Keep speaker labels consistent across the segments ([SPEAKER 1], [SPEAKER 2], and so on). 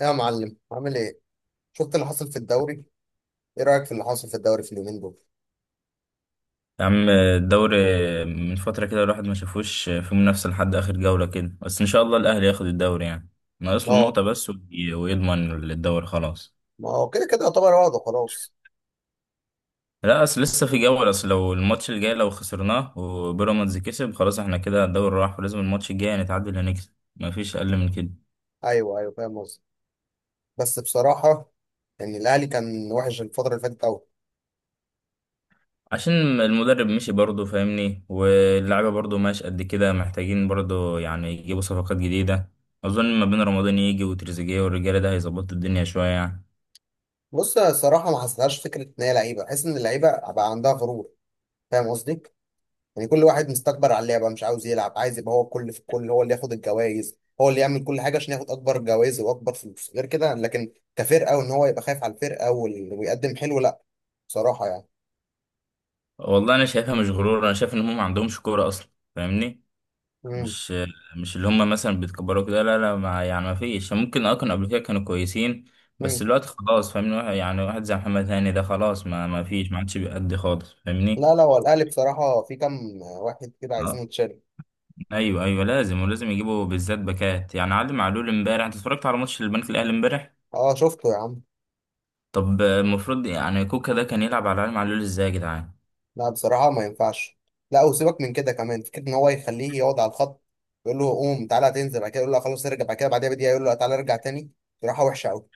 [SPEAKER 1] يا معلم، عامل ايه؟ شفت اللي حصل في الدوري؟ ايه رأيك في اللي حصل في الدوري في اليومين دول؟
[SPEAKER 2] يا عم الدوري، من فترة كده الواحد ما شافوش في منافسة لحد آخر جولة كده. بس إن شاء الله الأهلي ياخد الدوري يعني. ناقص
[SPEAKER 1] ما
[SPEAKER 2] له
[SPEAKER 1] هو
[SPEAKER 2] نقطة بس ويضمن الدوري خلاص.
[SPEAKER 1] ما هو كده كده يعتبر وضعه خلاص.
[SPEAKER 2] لا، أصل لسه في جولة. أصل لو الماتش الجاي لو خسرناه وبيراميدز كسب، خلاص إحنا كده الدوري راح. ولازم الماتش الجاي نتعادل، هنكسب، مفيش أقل من كده.
[SPEAKER 1] ايوه ايوه، فاهم قصدي. بس بصراحة يعني الاهلي كان وحش الفترة اللي فاتت قوي.
[SPEAKER 2] عشان المدرب مشي برضه، فاهمني، واللعيبة برضه ماشي قد كده، محتاجين برضه يعني يجيبوا صفقات جديدة. أظن ما بين رمضان يجي وتريزيجيه والرجالة، ده هيظبط الدنيا شوية يعني.
[SPEAKER 1] بص، أنا الصراحة ما حسيتهاش فكرة ان هي لعيبة، بحس ان اللعيبة بقى عندها غرور. فاهم قصدي؟ يعني كل واحد مستكبر على اللعبة، مش عاوز يلعب، عايز يبقى هو الكل في الكل، هو اللي ياخد الجوائز، هو اللي يعمل كل حاجة عشان ياخد أكبر جوائز وأكبر فلوس، غير كده. لكن كفرقة، وإن هو يبقى خايف على الفرقة ويقدم حلو، لأ. بصراحة يعني.
[SPEAKER 2] والله انا شايفها مش غرور، انا شايف ان هم ما عندهمش كوره اصلا، فاهمني.
[SPEAKER 1] مم.
[SPEAKER 2] مش مش اللي هم مثلا بيتكبروا كده، لا لا، ما يعني ما فيش يعني. ممكن كانوا قبل كده كانوا كويسين،
[SPEAKER 1] مم.
[SPEAKER 2] بس دلوقتي خلاص. فاهمني، يعني واحد زي محمد هاني ده خلاص، ما فيش، ما عادش بيأدي خالص، فاهمني.
[SPEAKER 1] لا لا، هو الاهلي بصراحه في كام واحد كده عايزين
[SPEAKER 2] اه،
[SPEAKER 1] يتشال.
[SPEAKER 2] ايوه ايوه، لازم ولازم يجيبوا بالذات باكات، يعني علي معلول. امبارح انت اتفرجت على ماتش البنك الاهلي امبارح؟
[SPEAKER 1] اه، شفته يا عم.
[SPEAKER 2] طب المفروض يعني كوكا ده كان يلعب على علي معلول؟ ازاي يا جدعان!
[SPEAKER 1] لا بصراحه ما ينفعش. لا وسيبك من كده، كمان فكره ان هو يخليه يقعد على الخط، يقول له قوم تعالى تنزل، بعد كده يقول له خلاص ارجع، بعد كده بعدها بدقيقه يقول له تعالى ارجع تاني. بصراحه وحشه قوي.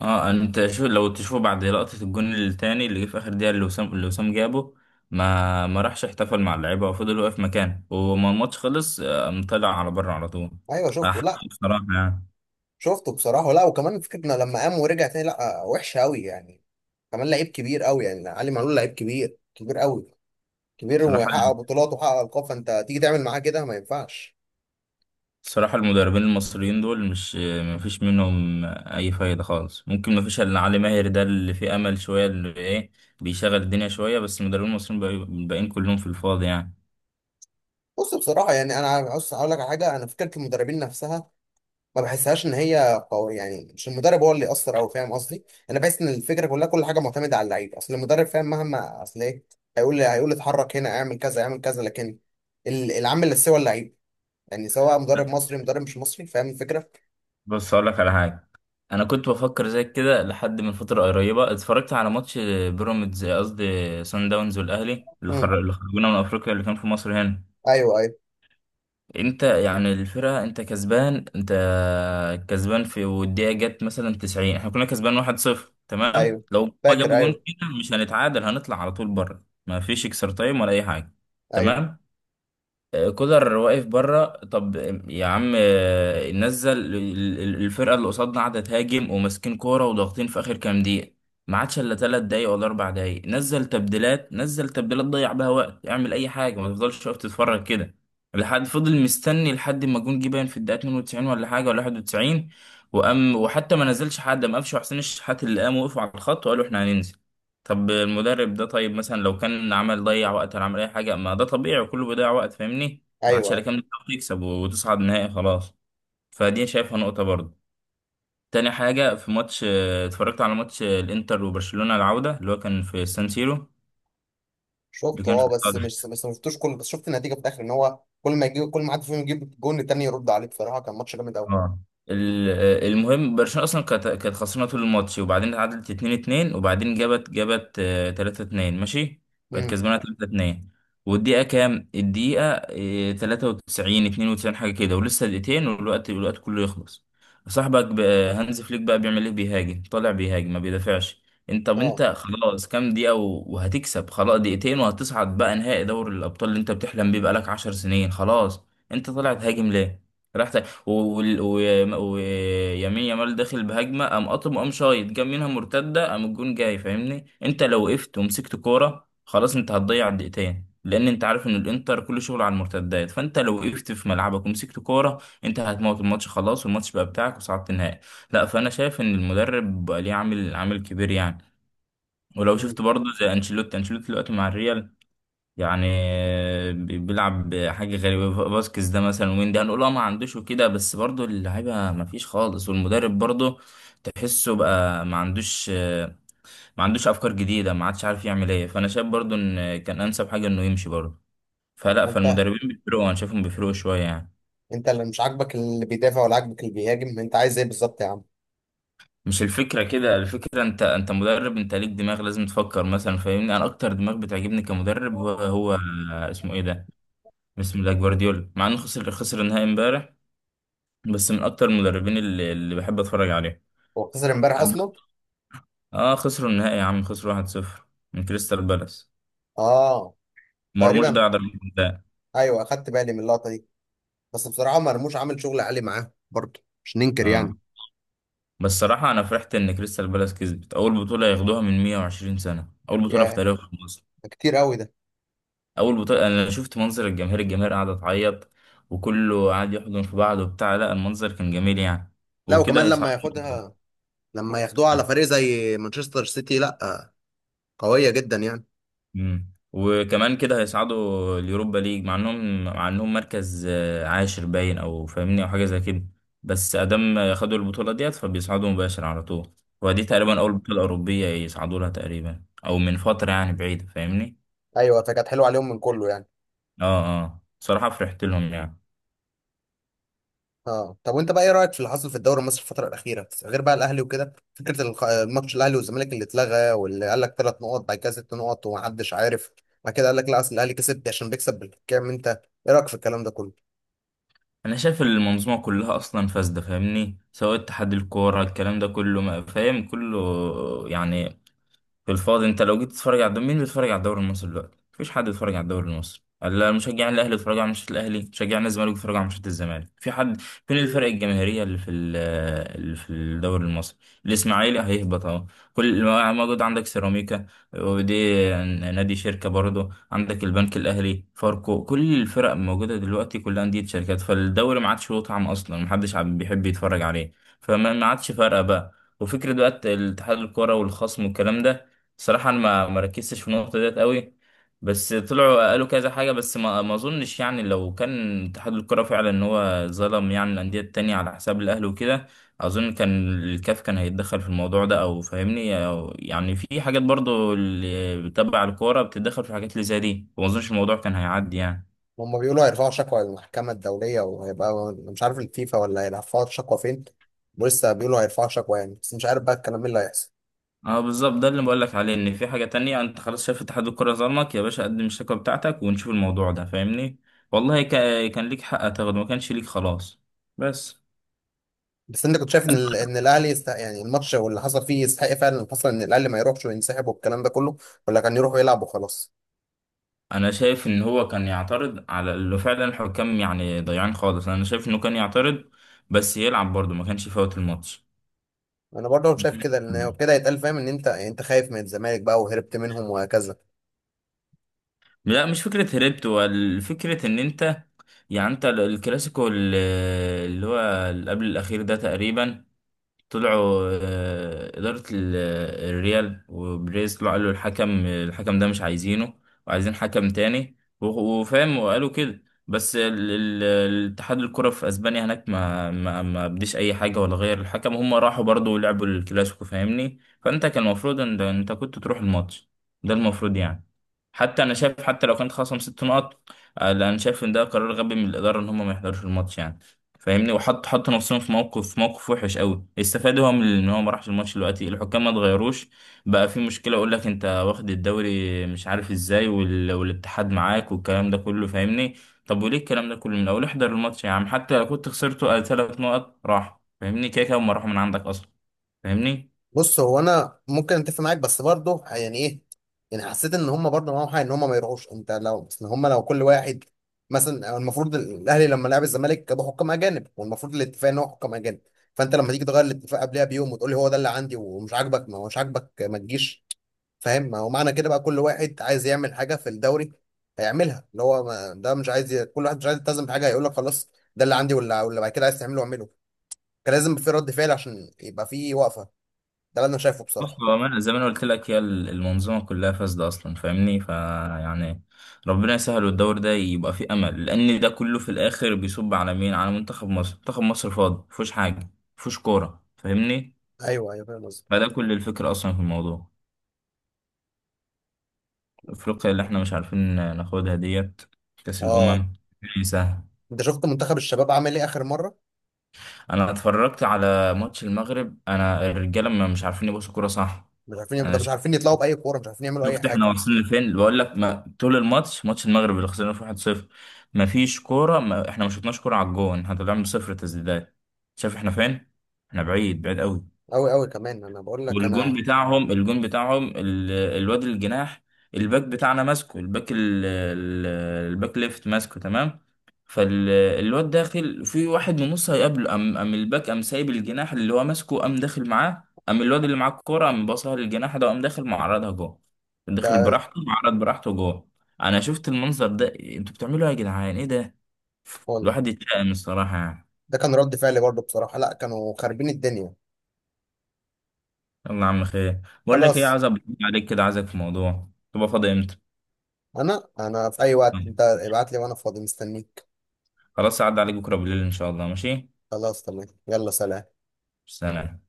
[SPEAKER 2] اه، انت شو لو تشوف بعد لقطة الجون التاني اللي جه في اخر دقيقة، اللي وسام جابه، ما راحش احتفل مع اللعيبة وفضل واقف مكانه. وما الماتش خلص قام طلع على بره على طول.
[SPEAKER 1] ايوه شفته.
[SPEAKER 2] حق
[SPEAKER 1] لا،
[SPEAKER 2] بصراحة يعني.
[SPEAKER 1] شفته بصراحه. لا وكمان فكره انه لما قام ورجع تاني، لا وحشه قوي يعني. كمان لعيب كبير قوي يعني، علي معلول لعيب كبير كبير قوي، كبير
[SPEAKER 2] بصراحة
[SPEAKER 1] ويحقق بطولات وحقق القاب، فانت تيجي تعمل معاه كده ما ينفعش.
[SPEAKER 2] بصراحة المدربين المصريين دول مش، ما فيش منهم أي فايدة خالص. ممكن ما فيش إلا علي ماهر، ده اللي فيه أمل شوية، اللي إيه، بيشغل الدنيا شوية. بس المدربين المصريين الباقيين كلهم في الفاضي يعني.
[SPEAKER 1] بص بصراحة يعني أنا عاوز أقول لك على حاجة. أنا فكرة المدربين نفسها ما بحسهاش إن هي قوية يعني، مش المدرب هو اللي يأثر. أو فاهم قصدي؟ أنا بحس إن الفكرة كلها، كل حاجة معتمدة على اللعيب. أصل المدرب فاهم، مهما أصل إيه، هيقول لي اتحرك هنا، اعمل كذا اعمل كذا، لكن العامل اللي هو اللعيب. يعني سواء مدرب مصري مدرب مش مصري، فاهم الفكرة؟
[SPEAKER 2] بس أقول لك على حاجة، انا كنت بفكر زي كده لحد من فتره قريبه اتفرجت على ماتش بيراميدز، قصدي سان داونز والاهلي،
[SPEAKER 1] امم.
[SPEAKER 2] اللي خرجونا من افريقيا، اللي كان في مصر هنا.
[SPEAKER 1] أيوه أيوه.
[SPEAKER 2] انت يعني الفرقه انت كسبان في، والدقيقه جت مثلا 90، احنا كنا كسبان 1-0. تمام.
[SPEAKER 1] أيوه،
[SPEAKER 2] لو هما
[SPEAKER 1] فاكر.
[SPEAKER 2] جابوا جون
[SPEAKER 1] أيوه.
[SPEAKER 2] فينا مش هنتعادل، هنطلع على طول بره، ما فيش اكسترا تايم ولا اي حاجه.
[SPEAKER 1] أيوه
[SPEAKER 2] تمام. كولر واقف بره. طب يا عم، الفرقه اللي قصادنا قاعده تهاجم وماسكين كوره وضاغطين في اخر كام دقيقه، ما عادش الا 3 دقايق ولا 4 دقايق. نزل تبديلات، ضيع بها وقت، اعمل اي حاجه، ما تفضلش واقف تتفرج كده لحد فضل مستني لحد ما جون جه، باين في الدقيقه 92 ولا حاجه ولا 91، وقام وحتى ما نزلش حد. قام قفشه حسين الشحات اللي قام وقفوا على الخط وقالوا احنا هننزل. طب المدرب ده طيب، مثلا لو كان عمل ضيع وقت ولا عمل اي حاجه، ما ده طبيعي وكله بيضيع وقت، فاهمني. ما
[SPEAKER 1] أيوه
[SPEAKER 2] عادش الا
[SPEAKER 1] أيوه
[SPEAKER 2] كام دقيقه، تكسب وتصعد نهائي خلاص. فدي شايفها نقطه برضه. تاني حاجه، في ماتش اتفرجت على ماتش الانتر وبرشلونه، العوده اللي هو كان في سان سيرو. اللي
[SPEAKER 1] شفته.
[SPEAKER 2] كان في
[SPEAKER 1] أه بس مش بس ما شفتوش كله، بس شفت النتيجة في الآخر، إن هو كل ما يجيب كل ما حد فيهم يجيب جون التاني يرد عليه. بصراحة كان ماتش جامد أوي.
[SPEAKER 2] اه ال- المهم برشلونة اصلا كانت خسرانة طول الماتش، وبعدين اتعادلت 2-2، وبعدين جابت 3-2. ماشي، بقت
[SPEAKER 1] امم.
[SPEAKER 2] كسبانة 3-2. والدقيقة كام؟ الدقيقة 93، 92، حاجة كده، ولسه دقيقتين والوقت كله يخلص. هانز فليك بقى بيعمل ايه؟ بيهاجم، طالع بيهاجم، ما بيدافعش. انت طب
[SPEAKER 1] اه.
[SPEAKER 2] انت خلاص كام دقيقة وهتكسب خلاص، دقيقتين وهتصعد بقى نهائي دوري الأبطال اللي انت بتحلم بيه بقالك 10 سنين خلاص. انت طالع تهاجم ليه؟ راح ويمين ويمين، يامال داخل بهجمه، قام قاطم، قام شايط، جاب منها مرتده، قام الجون جاي، فاهمني. انت لو وقفت ومسكت كوره خلاص، انت هتضيع الدقيقتين، لان انت عارف ان الانتر كل شغل على المرتدات. فانت لو وقفت في ملعبك ومسكت كوره، انت هتموت الماتش خلاص، والماتش بقى بتاعك وصعدت النهائي. لا، فانا شايف ان المدرب بقى ليه عامل كبير يعني. ولو
[SPEAKER 1] مم.
[SPEAKER 2] شفت برضه زي انشيلوتي دلوقتي مع الريال، يعني بيلعب حاجة غريبة. باسكس ده مثلا، وين ده، هنقول ما عندوش وكده، بس برضو اللعيبة ما فيش خالص، والمدرب برضو تحسه بقى ما عندوش أفكار جديدة، ما عادش عارف يعمل ايه. فأنا شايف برضو إن كان أنسب حاجة إنه يمشي برضو. فلا،
[SPEAKER 1] منتهى.
[SPEAKER 2] فالمدربين بيفرقوا، أنا شايفهم بيفرقوا شوية يعني.
[SPEAKER 1] انت اللي مش عاجبك اللي بيدافع ولا عاجبك اللي بيهاجم؟ انت عايز ايه بالظبط يا عم؟
[SPEAKER 2] مش الفكرة كده، الفكرة أنت مدرب، أنت ليك دماغ، لازم تفكر مثلا، فاهمني. أنا أكتر دماغ بتعجبني كمدرب هو اسمه ايه ده، اسمه ده جوارديولا، مع إنه خسر النهائي امبارح، بس من اكتر المدربين اللي بحب اتفرج عليهم.
[SPEAKER 1] هو خسر امبارح اصلا؟
[SPEAKER 2] اه، خسروا النهائي يا عم، خسروا 1-0 من كريستال بالاس.
[SPEAKER 1] اه.
[SPEAKER 2] مرموش
[SPEAKER 1] تقريبا.
[SPEAKER 2] ضيع ضربة جزاء.
[SPEAKER 1] ايوه، اخدت بالي من اللقطه دي. بس بصراحه مرموش عامل شغل عالي معاه برضه، مش ننكر
[SPEAKER 2] اه،
[SPEAKER 1] يعني.
[SPEAKER 2] بس صراحة انا فرحت ان كريستال بالاس كسبت اول بطولة ياخدوها من 120 سنة، اول بطولة في
[SPEAKER 1] يا،
[SPEAKER 2] تاريخ مصر،
[SPEAKER 1] ده كتير قوي ده.
[SPEAKER 2] اول بطولة. انا شفت منظر الجماهير قاعدة تعيط، وكله قاعد يحضن في بعض وبتاع. لا، المنظر كان جميل يعني.
[SPEAKER 1] لا
[SPEAKER 2] وكده
[SPEAKER 1] وكمان لما
[SPEAKER 2] هيصعدوا.
[SPEAKER 1] ياخدها، لما ياخدوها على فريق زي مانشستر سيتي، لا قويه جدا يعني.
[SPEAKER 2] مم. وكمان كده هيصعدوا اليوروبا ليج، مع انهم مركز عاشر باين، او فاهمني او حاجه زي كده. بس ادام خدوا البطوله ديت فبيصعدوا مباشر على طول. ودي تقريبا
[SPEAKER 1] آه.
[SPEAKER 2] اول بطوله اوروبيه يصعدوا لها، تقريبا او من فتره يعني بعيده، فاهمني.
[SPEAKER 1] ايوه، فكانت حلوه عليهم من كله يعني.
[SPEAKER 2] اه اه، صراحه فرحت لهم يعني.
[SPEAKER 1] اه طب، وانت بقى ايه رايك في اللي حصل في الدوري المصري الفتره الاخيره، غير بقى الاهلي وكده، فكره الماتش الاهلي والزمالك اللي اتلغى، واللي قال لك ثلاث نقط بعد كده ست نقط ومحدش عارف، بعد كده قال لك لا اصل الاهلي كسب عشان بيكسب بالحكام؟ انت ايه رايك في الكلام ده كله؟
[SPEAKER 2] انا شايف المنظومه كلها اصلا فاسده، فاهمني، سواء اتحاد الكوره، الكلام ده كله فاهم كله يعني. في الفاضي. انت لو جيت تتفرج على الدوري، مين بيتفرج على الدوري المصري دلوقتي؟ مفيش حد بيتفرج على الدوري المصري. لا، مشجعين الاهلي بيتفرجوا على ماتشات الاهلي، مشجعين الزمالك بيتفرجوا على ماتشات الزمالك. في حد؟ فين الفرق الجماهيريه اللي في الدوري المصري؟ الاسماعيلي هيهبط اهو. كل ما- موجود عندك سيراميكا، ودي نادي شركه برضه، عندك البنك الاهلي، فاركو، كل الفرق موجوده دلوقتي كلها انديه شركات. فالدوري ما عادش له طعم اصلا، محدش بيحب يتفرج عليه. فما ما عادش فارقه بقى. وفكرة بقى الاتحاد الكرة والخصم والكلام ده، صراحة أنا ما ركزتش في النقطة ديت قوي. بس طلعوا قالوا كذا حاجة، بس ما أظنش، يعني لو كان اتحاد الكرة فعلا إن هو ظلم يعني الأندية التانية على حساب الأهلي وكده، أظن كان الكاف كان هيتدخل في الموضوع ده، أو فاهمني، أو يعني في حاجات برضو اللي تبع الكورة بتتدخل في حاجات اللي زي دي، وما أظنش الموضوع كان هيعدي يعني.
[SPEAKER 1] هم بيقولوا هيرفعوا شكوى للمحكمه الدوليه وهيبقى مش عارف الفيفا، ولا هيرفعوا شكوى فين، ولسه بيقولوا هيرفعوا شكوى يعني. بس مش عارف بقى الكلام ايه اللي هيحصل.
[SPEAKER 2] اه، بالظبط، ده اللي بقولك عليه، ان في حاجة تانية. انت خلاص شايف اتحاد الكرة ظلمك يا باشا، قدم الشكوى بتاعتك ونشوف الموضوع ده، فاهمني. والله كان ليك حق تاخده، ما كانش ليك خلاص، بس.
[SPEAKER 1] بس انت كنت شايف ان ان الاهلي يستحق يعني الماتش واللي حصل فيه، يستحق فعلا اللي حصل ان الاهلي ما يروحش وينسحب والكلام ده كله، ولا كان يروح ويلعب وخلاص؟
[SPEAKER 2] انا شايف ان هو كان يعترض على اللي فعلا الحكام يعني ضيعان خالص، انا شايف انه كان يعترض، بس يلعب برضه ما كانش يفوت الماتش.
[SPEAKER 1] انا برضه شايف كده، ان كده يتقال فاهم، ان انت يعني انت خايف من الزمالك بقى وهربت منهم وهكذا.
[SPEAKER 2] لا مش فكرة هربت، هو الفكرة ان انت، يعني انت الكلاسيكو اللي هو اللي قبل الاخير ده تقريبا، طلعوا إدارة الريال وبريز، طلعوا قالوا الحكم ده مش عايزينه، وعايزين حكم تاني، وفاهم، وقالوا كده بس. الاتحاد الكرة في أسبانيا هناك ما بديش أي حاجة ولا غير الحكم، هم راحوا برضو لعبوا الكلاسيكو، فاهمني. فأنت كان المفروض أنت كنت تروح الماتش، ده المفروض يعني. حتى أنا شايف، حتى لو كانت خصم 6 نقط، لا، أنا شايف إن ده قرار غبي من الإدارة إن هم ما يحضروش الماتش يعني، فاهمني. وحط، حط نفسهم في موقف وحش قوي. استفاد هو من ان هو ما راحش الماتش، دلوقتي الحكام ما اتغيروش، بقى في مشكله، يقول لك انت واخد الدوري مش عارف ازاي، والاتحاد معاك والكلام ده كله، فاهمني. طب وليه الكلام ده كله؟ من اول احضر الماتش يا عم، حتى لو كنت خسرته 3 نقط راح، فاهمني، كده كده هم راحوا من عندك اصلا، فاهمني.
[SPEAKER 1] بص هو انا ممكن اتفق معاك، بس برضه يعني ايه، يعني حسيت ان هم برضه معاهم حق ان هم ما يروحوش. انت لو ان هم لو كل واحد، مثلا المفروض الاهلي لما لعب الزمالك جابوا حكام اجانب، والمفروض الاتفاق ان هو حكام اجانب. فانت لما تيجي تغير الاتفاق قبلها بيوم وتقول لي هو ده اللي عندي ومش عاجبك، ما هو مش عاجبك ما تجيش. فاهم؟ ما هو معنى كده بقى كل واحد عايز يعمل حاجه في الدوري هيعملها، اللي هو ما ده مش عايز كل واحد مش عايز يلتزم بحاجه، هيقول لك خلاص ده اللي عندي، واللي بعد كده عايز تعمله اعمله. كان لازم في رد فعل عشان يبقى في وقفه. ده اللي انا شايفه
[SPEAKER 2] بص،
[SPEAKER 1] بصراحه.
[SPEAKER 2] بأمانة زي ما أنا قلت لك، هي المنظومة كلها فاسدة أصلا، فاهمني فيعني. ربنا يسهل والدور ده يبقى فيه أمل، لأن ده كله في الآخر بيصب على مين؟ على منتخب مصر. منتخب مصر فاضي، مفيهوش حاجة، مفيهوش كورة، فاهمني.
[SPEAKER 1] ايوه ايوه، فاهم قصدك.
[SPEAKER 2] فده كل الفكرة أصلا في الموضوع. أفريقيا اللي إحنا مش عارفين ناخدها ديت، كأس
[SPEAKER 1] اه
[SPEAKER 2] الأمم، مش سهل.
[SPEAKER 1] انت شفت منتخب الشباب عمل ايه اخر مره؟
[SPEAKER 2] أنا اتفرجت على ماتش المغرب، أنا الرجالة ما مش عارفين يبصوا كورة صح.
[SPEAKER 1] مش عارفين، ده
[SPEAKER 2] أنا
[SPEAKER 1] مش عارفين يطلعوا باي كوره، مش عارفين يعملوا اي
[SPEAKER 2] شفت احنا
[SPEAKER 1] حاجه.
[SPEAKER 2] واصلين لفين، اللي بقول لك، ما طول الماتش، ماتش المغرب اللي خسرنا فيه 1-0، ما فيش كوره، ما احنا ما شفناش كوره على الجون، احنا طلعنا بصفر تسديدات. شايف احنا فين؟ احنا بعيد، بعيد قوي.
[SPEAKER 1] قوي قوي، كمان انا بقول لك انا.
[SPEAKER 2] والجون بتاعهم الواد الجناح، الباك بتاعنا ماسكه، الباك ال- الباك ليفت ماسكه تمام. فالواد داخل في واحد من نص هيقابله، قام الباك قام سايب الجناح اللي هو ماسكه، قام داخل معاه، قام الواد اللي معاه الكوره قام باصها للجناح ده، قام داخل معرضها جوه، داخل
[SPEAKER 1] ده
[SPEAKER 2] براحته، معرض براحته جوه. انا شفت المنظر ده، انتوا بتعملوا ايه يا جدعان؟ ايه ده،
[SPEAKER 1] هو
[SPEAKER 2] الواحد يترقم الصراحه يعني.
[SPEAKER 1] ده كان رد فعلي برضه بصراحه، لا كانوا خاربين الدنيا.
[SPEAKER 2] يلا يا عم، خير. بقول لك ايه،
[SPEAKER 1] خلاص.
[SPEAKER 2] عايز أبقى عليك كده، عايزك في موضوع تبقى فاضي.
[SPEAKER 1] انا في اي وقت
[SPEAKER 2] امتى؟
[SPEAKER 1] انت ابعت لي وانا فاضي مستنيك.
[SPEAKER 2] خلاص عدى عليك بكرة بالليل إن شاء الله، ماشي.
[SPEAKER 1] خلاص تمام، يلا سلام.
[SPEAKER 2] سلام.